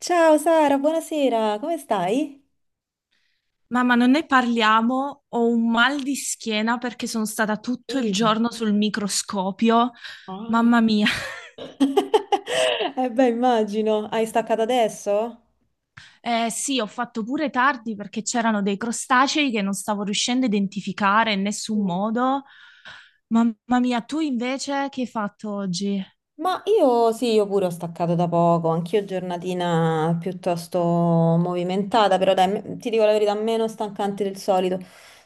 Ciao Sara, buonasera, come stai? Mamma, non ne parliamo, ho un mal di schiena perché sono stata tutto il Sì. giorno sul microscopio. Ah. Mamma mia. Eh, beh, immagino, hai staccato adesso? Sì, ho fatto pure tardi perché c'erano dei crostacei che non stavo riuscendo a identificare in nessun Mm. modo. Mamma mia, tu invece che hai fatto oggi? Ma io sì, io pure ho staccato da poco, anch'io giornatina piuttosto movimentata, però dai, ti dico la verità, meno stancante del solito.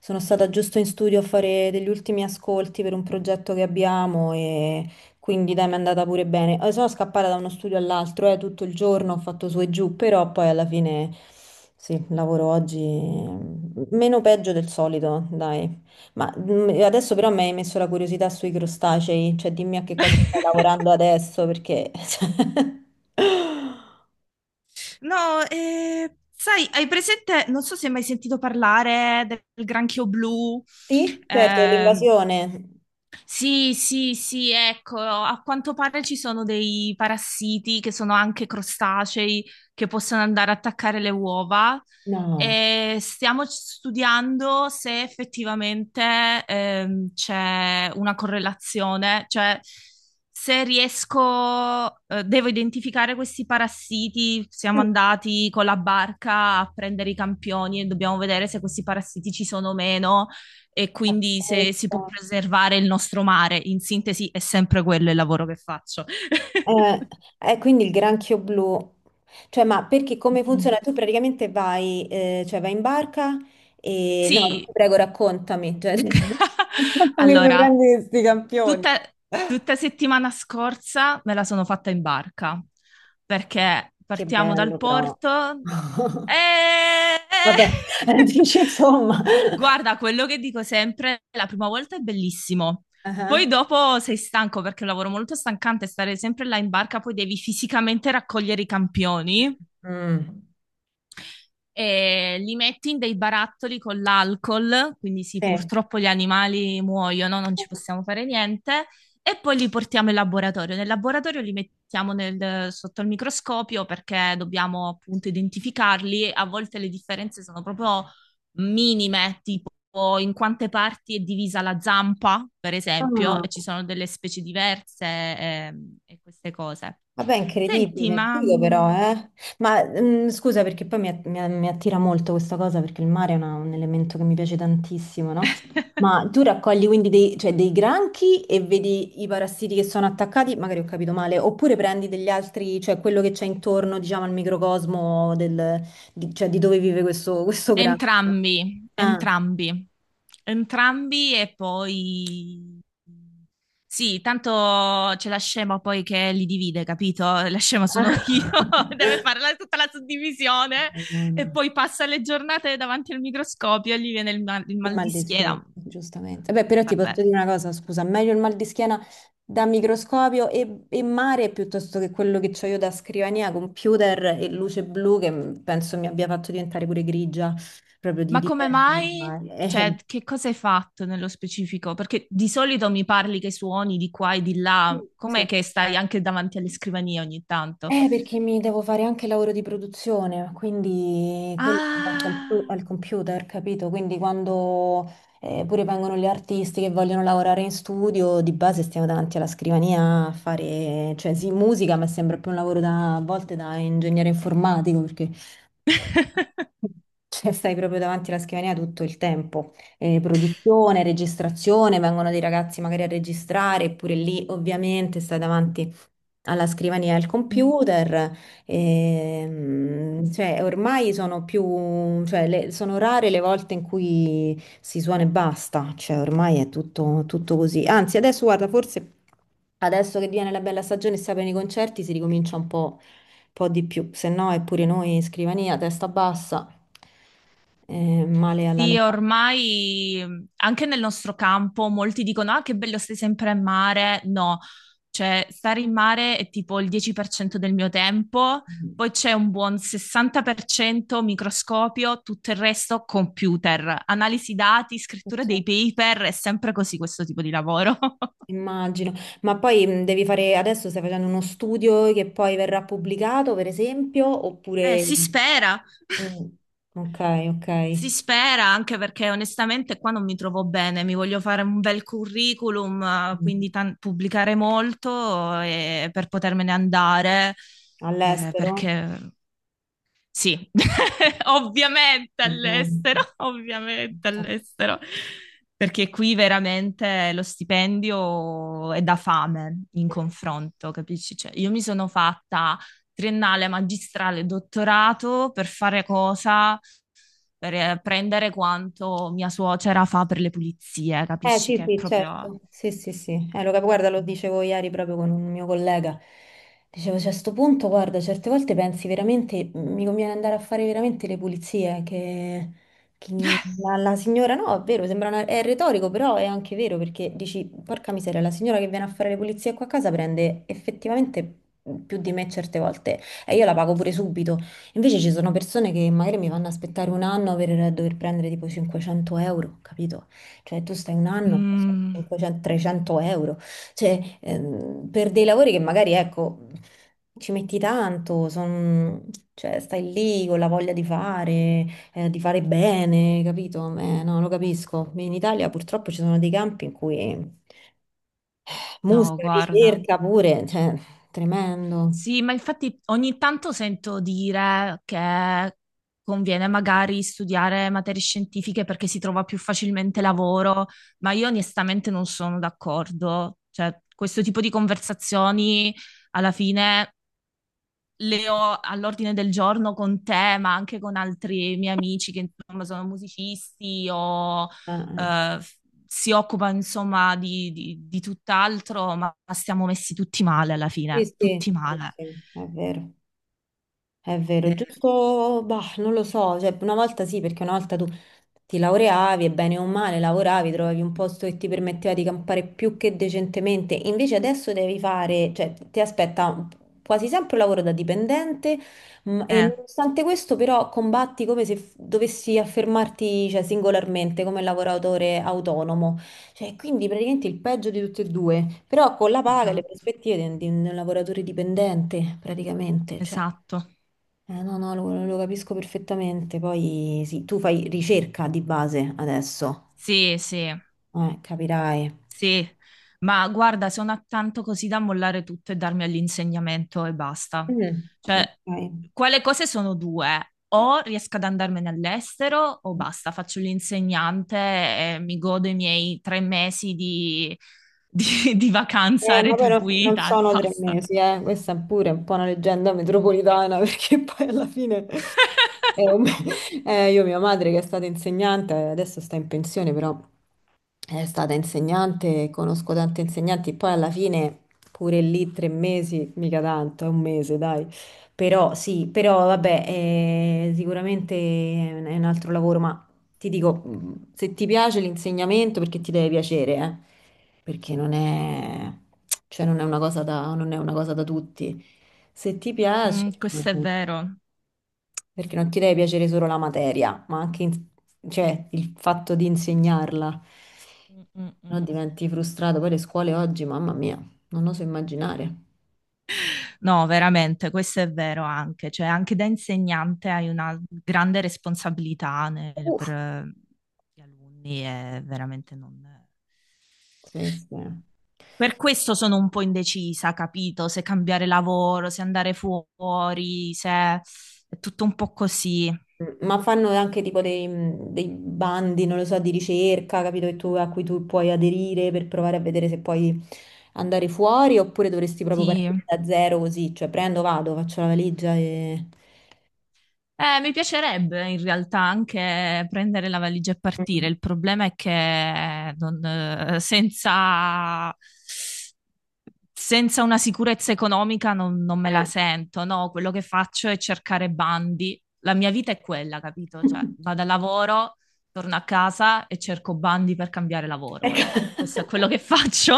Sono stata giusto in studio a fare degli ultimi ascolti per un progetto che abbiamo e quindi dai, mi è andata pure bene. Sono scappata da uno studio all'altro, tutto il giorno ho fatto su e giù, però poi alla fine sì, lavoro oggi meno peggio del solito, dai. Ma adesso però mi hai messo la curiosità sui crostacei, cioè dimmi a che cosa stai lavorando adesso, perché... No, sai, hai presente, non so se hai mai sentito parlare del granchio blu. Sì, certo, ehm, l'invasione. Sì, sì, sì, ecco, a quanto pare ci sono dei parassiti che sono anche crostacei che possono andare a attaccare le uova No. e stiamo studiando se effettivamente c'è una correlazione, cioè se riesco, devo identificare questi parassiti, siamo Mm, andati con la barca a prendere i campioni e dobbiamo vedere se questi parassiti ci sono o meno e quindi se si pazzesco. può preservare il nostro mare. In sintesi è sempre quello il lavoro che faccio. Eh, quindi il granchio blu. Cioè, ma perché come Sì. funziona? Tu praticamente vai, cioè vai in barca e... No, ti Sì, prego, raccontami. Raccontami come allora, prendi questi campioni. tutta, tutta settimana scorsa me la sono fatta in barca perché Che partiamo dal bello però. porto e... Vabbè, dici insomma. Guarda, quello che dico sempre, la prima volta è bellissimo. Poi Ah, dopo sei stanco perché è un lavoro molto stancante stare sempre là in barca, poi devi fisicamente raccogliere i campioni mm. e li metti in dei barattoli con l'alcol, quindi sì, Sì. purtroppo gli animali muoiono, non ci possiamo fare niente, e poi li portiamo in laboratorio. Nel laboratorio li mettiamo sotto il microscopio perché dobbiamo appunto identificarli. A volte le differenze sono proprio minime, tipo in quante parti è divisa la zampa, per esempio, Ah, e ci sono delle specie diverse e queste cose. vabbè, Senti, incredibile, ma... figo però, eh. Ma scusa perché poi mi attira molto questa cosa perché il mare è un elemento che mi piace tantissimo, no? Ma tu raccogli quindi cioè, dei granchi e vedi i parassiti che sono attaccati, magari ho capito male, oppure prendi degli altri, cioè quello che c'è intorno, diciamo, al microcosmo di, cioè, di dove vive questo granchio. Entrambi, Ah. entrambi, entrambi e poi... Sì, tanto c'è la scema poi che li divide, capito? La scema sono io, deve fare tutta la suddivisione e Madonna. poi passa le giornate davanti al microscopio e gli viene il Il mal mal di di schiena, schiena. giustamente. Beh, però ti posso Vabbè. dire una cosa, scusa, meglio il mal di schiena da microscopio e mare piuttosto che quello che ho io da scrivania, computer e luce blu che penso mi abbia fatto diventare pure grigia, proprio di Ma come mai? dipendere. Cioè, che cosa hai fatto nello specifico? Perché di solito mi parli che suoni di qua e di là, com'è che stai anche davanti alle scrivanie ogni tanto? Perché mi devo fare anche il lavoro di produzione, quindi quello Ah. al computer, capito? Quindi quando pure vengono gli artisti che vogliono lavorare in studio, di base stiamo davanti alla scrivania a fare, cioè sì, musica, ma sembra più un lavoro da, a volte da ingegnere informatico, perché cioè, stai proprio davanti alla scrivania tutto il tempo. Produzione, registrazione, vengono dei ragazzi magari a registrare, eppure lì ovviamente stai davanti alla scrivania e al Mm. computer. Cioè, ormai sono più, cioè, sono rare le volte in cui si suona e basta. Cioè, ormai è tutto così. Anzi, adesso guarda, forse adesso che viene la bella stagione e si aprono i concerti, si ricomincia un po' di più, se no è pure noi scrivania, testa bassa, male alla Sì, locale. ormai anche nel nostro campo molti dicono: Ah, che bello, stai sempre a mare. No, cioè, stare in mare è tipo il 10% del mio tempo, poi c'è un buon 60% microscopio, tutto il resto computer, analisi dati, scrittura dei paper, è sempre così questo tipo di lavoro. Immagino, ma poi devi fare, adesso stai facendo uno studio che poi verrà pubblicato, per esempio, oppure... si spera. Mm, ok, ok. Si spera anche perché onestamente qua non mi trovo bene, mi voglio fare un bel curriculum, Mm. quindi pubblicare molto per potermene andare, All'estero? perché sì, ovviamente all'estero, Ovviamente. ovviamente all'estero, perché qui veramente lo stipendio è da fame in confronto, capisci? Cioè, io mi sono fatta triennale, magistrale, dottorato per fare cosa? Per prendere quanto mia suocera fa per le pulizie, Eh capisci sì, che è sì, proprio... certo. Sì, sì, sì. Guarda, lo dicevo ieri proprio con un mio collega. Dicevo, cioè, a sto punto, guarda, certe volte pensi veramente, mi conviene andare a fare veramente le pulizie, che la signora, no, è vero, sembra è retorico, però è anche vero, perché dici, porca miseria, la signora che viene a fare le pulizie qua a casa prende effettivamente più di me certe volte e io la pago pure subito. Invece ci sono persone che magari mi vanno a aspettare 1 anno per dover prendere tipo 500 euro, capito? Cioè, tu stai 1 anno, Mm, 500, 300 euro, cioè, per dei lavori che magari, ecco, ci metti tanto, cioè, stai lì con la voglia di fare bene, capito? No, lo capisco. In Italia purtroppo ci sono dei campi in cui no, musica, guarda. ricerca pure, cioè, tremendo. Sì, ma infatti ogni tanto sento dire che conviene magari studiare materie scientifiche perché si trova più facilmente lavoro, ma io onestamente non sono d'accordo. Cioè, questo tipo di conversazioni alla fine le ho all'ordine del giorno con te, ma anche con altri miei amici che insomma sono musicisti o eh, eh, f- si occupano insomma di, di tutt'altro, ma stiamo messi tutti male alla sì, fine, sì, tutti sì, male. sì, è vero. È vero, Eh, giusto, bah, non lo so, cioè una volta sì, perché una volta tu ti laureavi e bene o male lavoravi, trovavi un posto che ti permetteva di campare più che decentemente, invece adesso devi fare, cioè ti aspetta quasi sempre un lavoro da dipendente e Eh, nonostante questo però combatti come se dovessi affermarti, cioè, singolarmente come lavoratore autonomo, cioè quindi praticamente il peggio di tutti e due, però con la paga e le esatto. prospettive di un lavoratore dipendente praticamente, cioè. Esatto. No, lo capisco perfettamente. Poi sì, tu fai ricerca di base adesso, Sì, sì. Capirai. Sì, ma guarda, sono attanto così da mollare tutto e darmi all'insegnamento e basta. Mm. Cioè, Ok. quelle cose sono due. O riesco ad andarmene all'estero o basta, faccio l'insegnante e mi godo i miei 3 mesi di, di vacanza Ma poi non retribuita e sono tre basta. mesi, eh. Questa è pure un po' una leggenda metropolitana perché poi alla fine è io, mia madre che è stata insegnante, adesso sta in pensione, però è stata insegnante, conosco tanti insegnanti, poi alla fine pure lì 3 mesi, mica tanto, è un mese, dai. Però sì, però vabbè, sicuramente è un altro lavoro, ma... Ti dico, se ti piace l'insegnamento, perché ti deve piacere, eh? Perché non è, cioè non è una cosa da, non è una cosa da tutti. Se ti Mm, piace, questo è mm, vero. perché non ti deve piacere solo la materia, ma anche cioè, il fatto di insegnarla, Mm, mm, no? mm. Diventi frustrato. Poi le scuole oggi, mamma mia, non oso immaginare. No, veramente, questo è vero anche, cioè anche da insegnante hai una grande responsabilità per Uff, gli alunni e veramente non... sì, sì. Per questo sono un po' indecisa, capito? Se cambiare lavoro, se andare fuori, se è tutto un po' così. Ma fanno anche tipo dei bandi, non lo so, di ricerca, capito, a cui tu puoi aderire per provare a vedere se puoi andare fuori oppure dovresti proprio Sì. partire da zero così, cioè prendo, vado, faccio la valigia e... Mi piacerebbe in realtà anche prendere la valigia e partire. Mm. Il problema è che non, senza una sicurezza economica non me la Eh, sento, no, quello che faccio è cercare bandi. La mia vita è quella, capito? Cioè, vado al lavoro, torno a casa e cerco bandi per cambiare lavoro. Ecco. Questo è quello che faccio.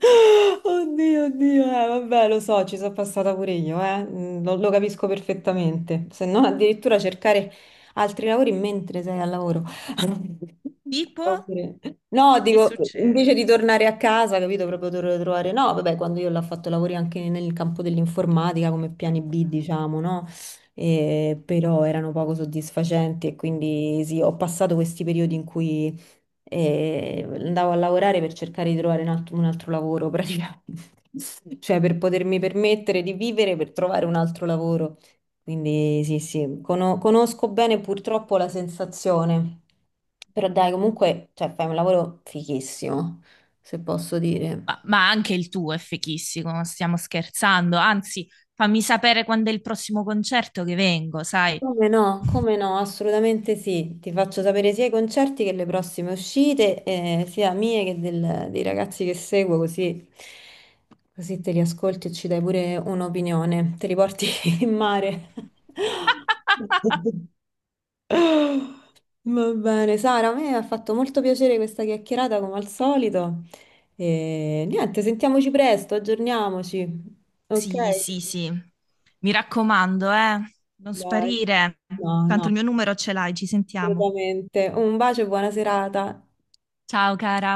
Oddio, oddio, vabbè, lo so, ci sono passata pure io, lo capisco perfettamente. Se non addirittura cercare altri lavori mentre sei al lavoro. Tipo, Oppure- No, che ti è dico, invece di successo? tornare a casa, capito, proprio dovrei trovare... No, vabbè, quando io l'ho fatto lavori anche nel campo dell'informatica come piani B, diciamo, no? Però erano poco soddisfacenti e quindi sì, ho passato questi periodi in cui e andavo a lavorare per cercare di trovare un altro lavoro praticamente, cioè per potermi permettere di vivere per trovare un altro lavoro. Quindi sì, sì, conosco bene purtroppo la sensazione, però dai, comunque, cioè, fai un lavoro fighissimo, se posso dire. Ma anche il tuo è fichissimo, non stiamo scherzando. Anzi, fammi sapere quando è il prossimo concerto che vengo, sai? Come no, come no, assolutamente sì. Ti faccio sapere sia i concerti che le prossime uscite, sia mie che dei ragazzi che seguo, così, così te li ascolti e ci dai pure un'opinione. Te li porti in mare. Va bene, Sara, a me ha fatto molto piacere questa chiacchierata come al solito. E niente, sentiamoci presto, aggiorniamoci. Ok? Sì, sì, sì. Mi raccomando, non Dai. sparire. No, Tanto no, il mio numero ce l'hai, ci sentiamo. assolutamente. Un bacio e buona serata. Ciao cara.